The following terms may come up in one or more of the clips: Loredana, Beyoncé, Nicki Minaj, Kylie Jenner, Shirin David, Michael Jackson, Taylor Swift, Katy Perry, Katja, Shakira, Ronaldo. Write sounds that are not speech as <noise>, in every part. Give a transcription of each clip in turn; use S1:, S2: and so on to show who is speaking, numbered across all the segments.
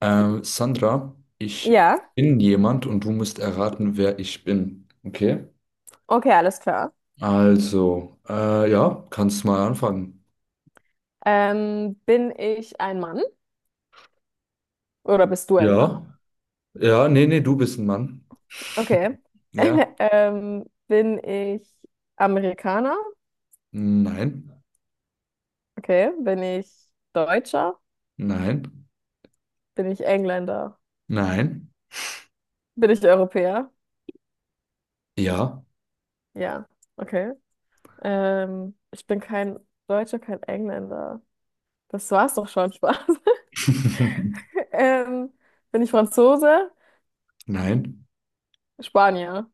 S1: Sandra, ich
S2: Ja,
S1: bin jemand und du musst erraten, wer ich bin. Okay?
S2: okay, alles klar.
S1: Also, ja, kannst mal anfangen.
S2: Bin ich ein Mann oder bist du ein Mann?
S1: Ja, ja, nee, nee, du bist ein Mann.
S2: Okay. <laughs>
S1: Ja,
S2: Bin ich Amerikaner?
S1: nein,
S2: Okay. Bin ich Deutscher?
S1: nein,
S2: Bin ich Engländer?
S1: nein,
S2: Bin ich Europäer?
S1: ja,
S2: Ja, okay. Ich bin kein Deutscher, kein Engländer. Das war's doch schon, Spaß. <laughs>
S1: <laughs>
S2: Ähm, Bin ich Franzose?
S1: nein.
S2: Spanier.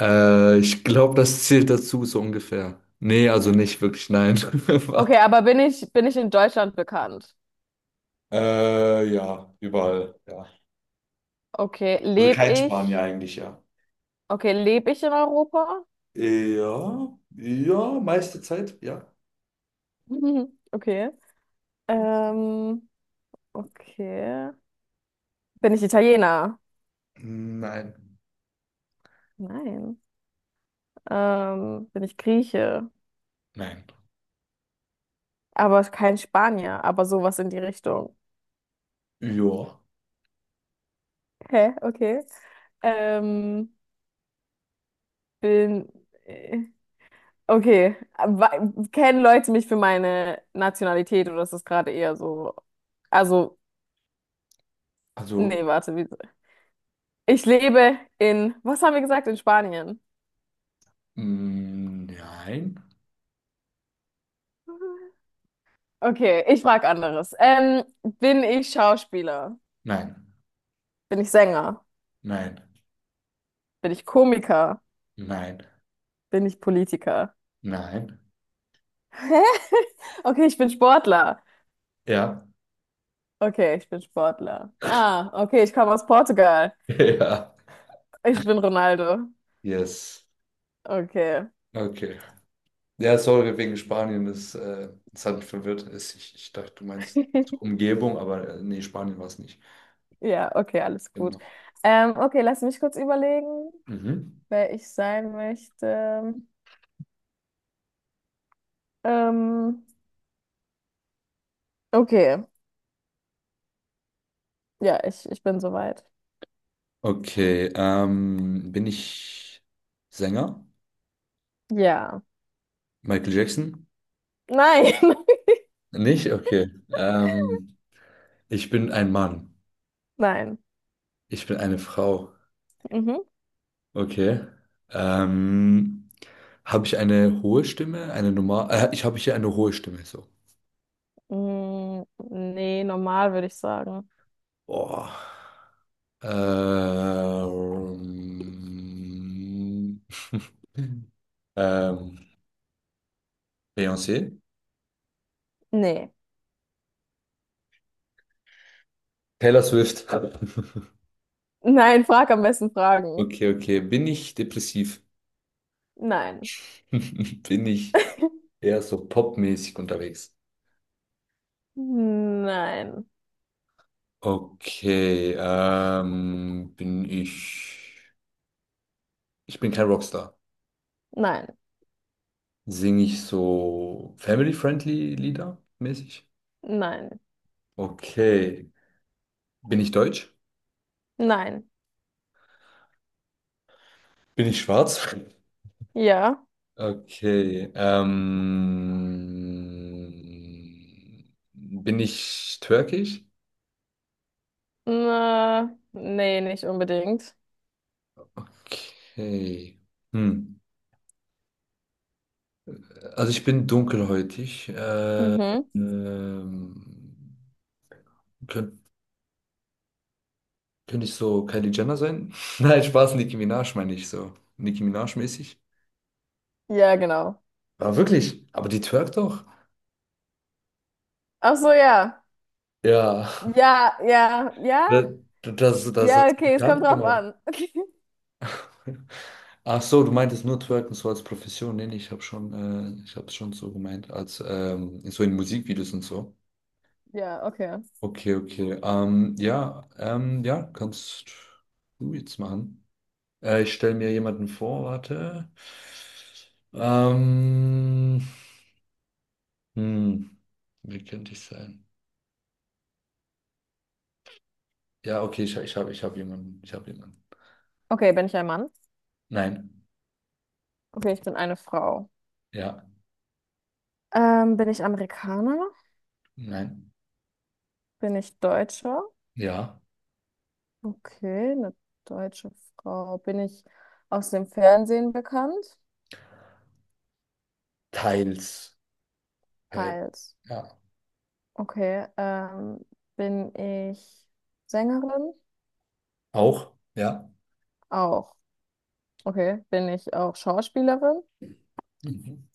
S1: Ich glaube, das zählt dazu so ungefähr. Nee, also nicht wirklich, nein. <laughs>
S2: Okay,
S1: Warte.
S2: aber bin ich in Deutschland bekannt?
S1: Ja, überall, ja.
S2: Okay,
S1: Also
S2: lebe
S1: kein Spanier
S2: ich?
S1: eigentlich, ja.
S2: Okay, lebe ich in Europa?
S1: Ja, ja, meiste Zeit, ja.
S2: <laughs> Okay. Ähm, okay. Bin ich Italiener?
S1: Nein,
S2: Nein. Bin ich Grieche?
S1: nein.
S2: Aber kein Spanier, aber sowas in die Richtung.
S1: Ja,
S2: Hä? Okay. Ähm, bin. Äh, Okay. Kennen Leute mich für meine Nationalität oder ist das gerade eher so? Also,
S1: also,
S2: nee, warte. Ich lebe in. Was haben wir gesagt? In Spanien.
S1: mm, nein,
S2: Okay, ich frage anderes. Bin ich Schauspieler?
S1: nein,
S2: Bin ich Sänger?
S1: nein,
S2: Bin ich Komiker?
S1: nein,
S2: Bin ich Politiker?
S1: nein.
S2: Hä? <laughs> Okay, ich bin Sportler.
S1: Ja,
S2: Okay, ich bin Sportler. Ah, okay, ich komme aus Portugal.
S1: <laughs> ja,
S2: Ich bin Ronaldo.
S1: yes.
S2: Okay.
S1: Okay. Ja, sorry, wegen Spanien, es hat mich verwirrt. Ich dachte, du meinst
S2: <laughs>
S1: Umgebung, aber nee, Spanien war es nicht.
S2: Ja, okay, alles gut.
S1: Genau.
S2: Okay, lass mich kurz überlegen,
S1: Mhm.
S2: wer ich sein möchte. Ähm, okay, ja, ich bin soweit.
S1: Okay, bin ich Sänger?
S2: Ja.
S1: Michael Jackson?
S2: Nein.
S1: Nicht? Okay. Ich bin ein Mann.
S2: <laughs> Nein.
S1: Ich bin eine Frau.
S2: Mhm.
S1: Okay. Ähm, habe ich eine hohe Stimme? Eine normal? Ich habe hier eine hohe Stimme. So.
S2: Mm, nee, normal würde ich sagen.
S1: Boah. Ähm, <laughs> ähm, Beyoncé?
S2: Nee.
S1: Taylor Swift. <laughs>
S2: <laughs> Nein, frag am besten Fragen.
S1: Okay, okay. Bin ich depressiv?
S2: Nein.
S1: <laughs> Bin ich
S2: <laughs>
S1: eher so popmäßig unterwegs?
S2: Nein.
S1: Okay. Bin ich. Ich bin kein Rockstar.
S2: Nein.
S1: Singe ich so family-friendly Lieder mäßig?
S2: Nein.
S1: Okay. Bin ich deutsch?
S2: Nein.
S1: Bin ich schwarz?
S2: Ja.
S1: Okay. Bin ich türkisch?
S2: Na, nee, nicht unbedingt.
S1: Okay. Hm. Also ich bin dunkelhäutig.
S2: Mhm.
S1: Ähm, könnt, könnte ich so Kylie Jenner sein? <laughs> Nein, Spaß, Nicki Minaj meine ich so. Nicki Minaj mäßig.
S2: Ja, genau.
S1: Ah, wirklich? Aber die twerkt doch.
S2: Ach so, ja.
S1: Ja. <laughs>
S2: Ja, ja, ja.
S1: Das, das hat
S2: Ja, okay, es kommt
S1: bekannt
S2: drauf
S1: gemacht.
S2: an. <laughs>
S1: Ach so, du meintest nur Twerken so als Profession. Nee, nee, ich habe schon, ich habe es schon so gemeint, als so in Musikvideos und so.
S2: Ja, okay.
S1: Okay, okay. Ja, kannst du jetzt machen. Ich stelle mir jemanden vor, warte. Ähm, hm, wie könnte ich sein? Ja, okay, ich habe ich hab jemanden. Ich habe jemanden.
S2: Okay, bin ich ein Mann?
S1: Nein.
S2: Okay, ich bin eine Frau.
S1: Ja.
S2: Bin ich Amerikaner?
S1: Nein.
S2: Bin ich Deutscher?
S1: Ja.
S2: Okay, eine deutsche Frau. Bin ich aus dem Fernsehen bekannt?
S1: Teils. Geil.
S2: Teils.
S1: Ja.
S2: Okay, bin ich Sängerin?
S1: Auch, ja.
S2: Auch. Okay, bin ich auch Schauspielerin?
S1: Mhm.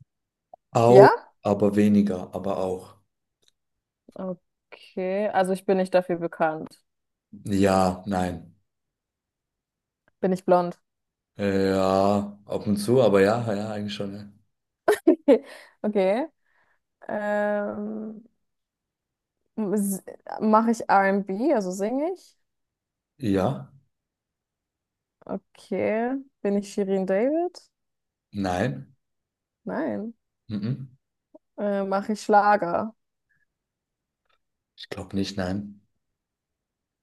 S1: Auch,
S2: Ja?
S1: aber weniger, aber auch.
S2: Okay, also ich bin nicht dafür bekannt.
S1: Ja, nein.
S2: Bin ich blond?
S1: Ja, ab und zu, aber ja, ja, eigentlich schon. Ja,
S2: <laughs> Okay. Ähm, mache ich R&B, also singe ich?
S1: ja,
S2: Okay. Bin ich Shirin David?
S1: nein.
S2: Nein.
S1: Mhm.
S2: Mache ich Schlager?
S1: Ich glaube nicht, nein.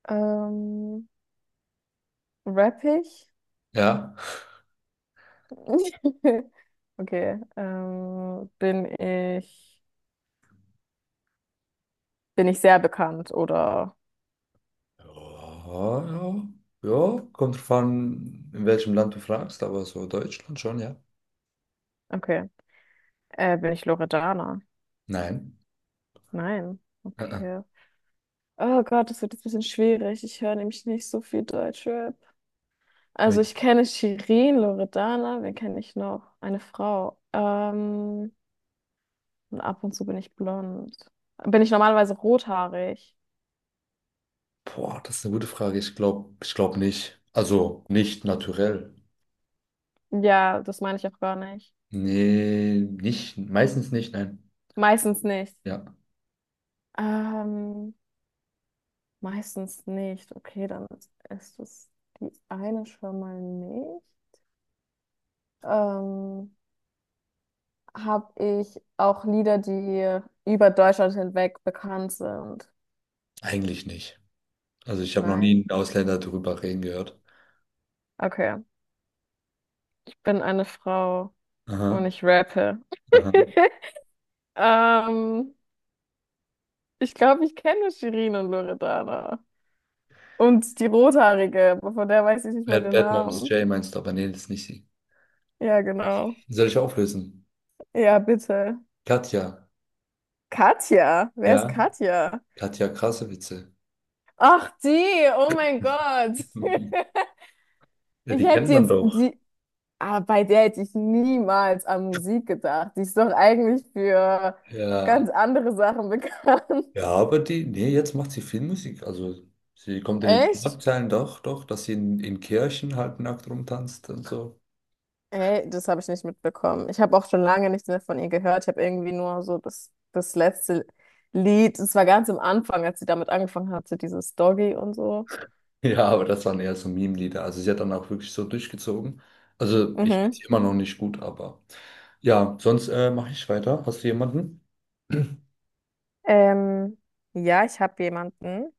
S2: Ähm, Rapp ich?
S1: Ja.
S2: <laughs> Okay. Bin ich sehr bekannt oder
S1: Ja, ja. Ja, kommt drauf an, in welchem Land du fragst, aber so Deutschland schon, ja.
S2: okay. Bin ich Loredana?
S1: Nein.
S2: Nein.
S1: Äh, äh.
S2: Okay. Oh Gott, das wird jetzt ein bisschen schwierig. Ich höre nämlich nicht so viel Deutschrap. Also ich kenne Shirin, Loredana, wen kenne ich noch? Eine Frau. Und ab und zu bin ich blond. Bin ich normalerweise rothaarig?
S1: Boah, das ist eine gute Frage. Ich glaube nicht. Also nicht naturell.
S2: Ja, das meine ich auch gar nicht.
S1: Nee, nicht, meistens nicht, nein.
S2: Meistens nicht.
S1: Ja,
S2: Ähm, Meistens nicht. Okay, dann ist es die eine schon mal nicht. Ähm, habe ich auch Lieder, die über Deutschland hinweg bekannt sind?
S1: eigentlich nicht. Also ich habe noch nie
S2: Nein.
S1: einen Ausländer darüber reden gehört.
S2: Okay, ich bin eine Frau und
S1: Aha,
S2: ich rappe.
S1: aha.
S2: <laughs> Ähm, ich glaube, ich kenne Shirin und Loredana. Und die Rothaarige, aber von der weiß ich nicht mal
S1: Bad,
S2: den
S1: Bad Moms
S2: Namen.
S1: Jay meinst du, aber nee, das ist nicht sie.
S2: Ja, genau.
S1: Soll ich auflösen?
S2: Ja, bitte.
S1: Katja.
S2: Katja, wer ist
S1: Ja,
S2: Katja?
S1: Katja, krasse Witze.
S2: Ach, die, oh mein Gott.
S1: <laughs>
S2: <laughs>
S1: Ja,
S2: Ich
S1: die kennt
S2: hätte
S1: man
S2: jetzt
S1: doch.
S2: die, ah, bei der hätte ich niemals an Musik gedacht. Die ist doch eigentlich für
S1: Ja,
S2: ganz andere Sachen bekannt. <laughs>
S1: ja, aber die, nee, jetzt macht sie viel Musik. Also sie kommt in den
S2: Echt?
S1: Schlagzeilen doch, doch, dass sie in Kirchen halt nackt rumtanzt und so.
S2: Ey, das habe ich nicht mitbekommen. Ich habe auch schon lange nichts mehr von ihr gehört. Ich habe irgendwie nur so das, das letzte Lied. Es war ganz am Anfang, als sie damit angefangen hatte, dieses Doggy und so.
S1: Ja, aber das waren eher so Meme-Lieder. Also sie hat dann auch wirklich so durchgezogen. Also ich kenne
S2: Mhm.
S1: sie immer noch nicht gut, aber ja, sonst mache ich weiter. Hast du jemanden?
S2: Ähm, ja, ich habe jemanden.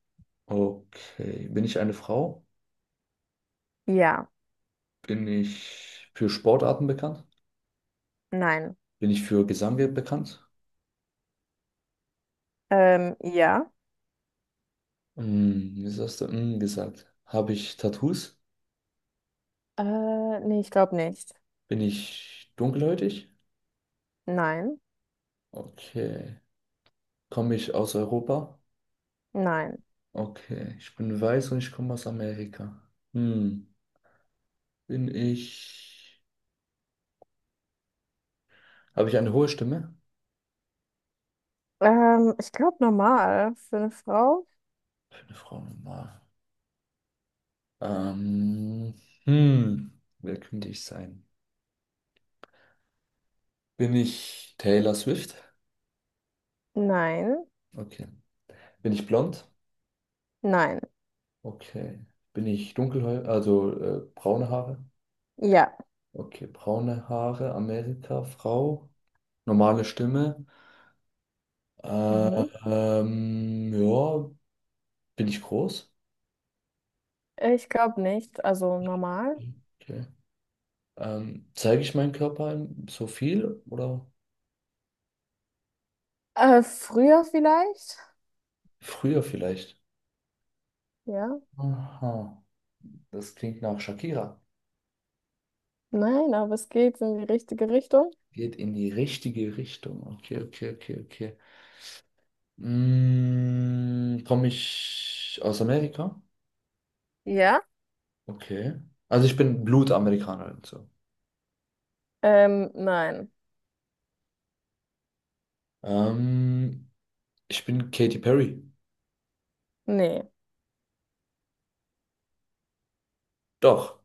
S1: Okay. Bin ich eine Frau?
S2: Ja,
S1: Bin ich für Sportarten bekannt?
S2: nein.
S1: Bin ich für Gesang bekannt?
S2: Ja.
S1: Hm, was hast du hm, gesagt? Habe ich Tattoos?
S2: Nee, ich glaube nicht.
S1: Bin ich dunkelhäutig?
S2: Nein,
S1: Okay. Komme ich aus Europa?
S2: nein.
S1: Okay. Ich bin weiß und ich komme aus Amerika. Hm, bin ich... Habe ich eine hohe Stimme?
S2: Ich glaube normal für eine Frau.
S1: Eine Frau normal. Ähm, hm, wer könnte ich sein? Bin ich Taylor Swift?
S2: Nein,
S1: Okay. Bin ich blond?
S2: nein.
S1: Okay. Bin ich dunkelhäutig, also braune Haare?
S2: Ja.
S1: Okay, braune Haare, Amerika, Frau, normale Stimme.
S2: Mhm.
S1: Ja, bin ich groß?
S2: Ich glaube nicht. Also normal.
S1: Okay. Zeige ich meinen Körper so viel oder
S2: Früher vielleicht?
S1: früher vielleicht?
S2: Ja.
S1: Aha, das klingt nach Shakira.
S2: Nein, aber es geht in die richtige Richtung.
S1: Geht in die richtige Richtung. Okay, okay, okay, okay. Mm, komme ich aus Amerika?
S2: Ja.
S1: Okay. Also ich bin Blutamerikaner und so.
S2: Nein.
S1: Ähm, ich bin Katy Perry.
S2: Nee.
S1: Doch.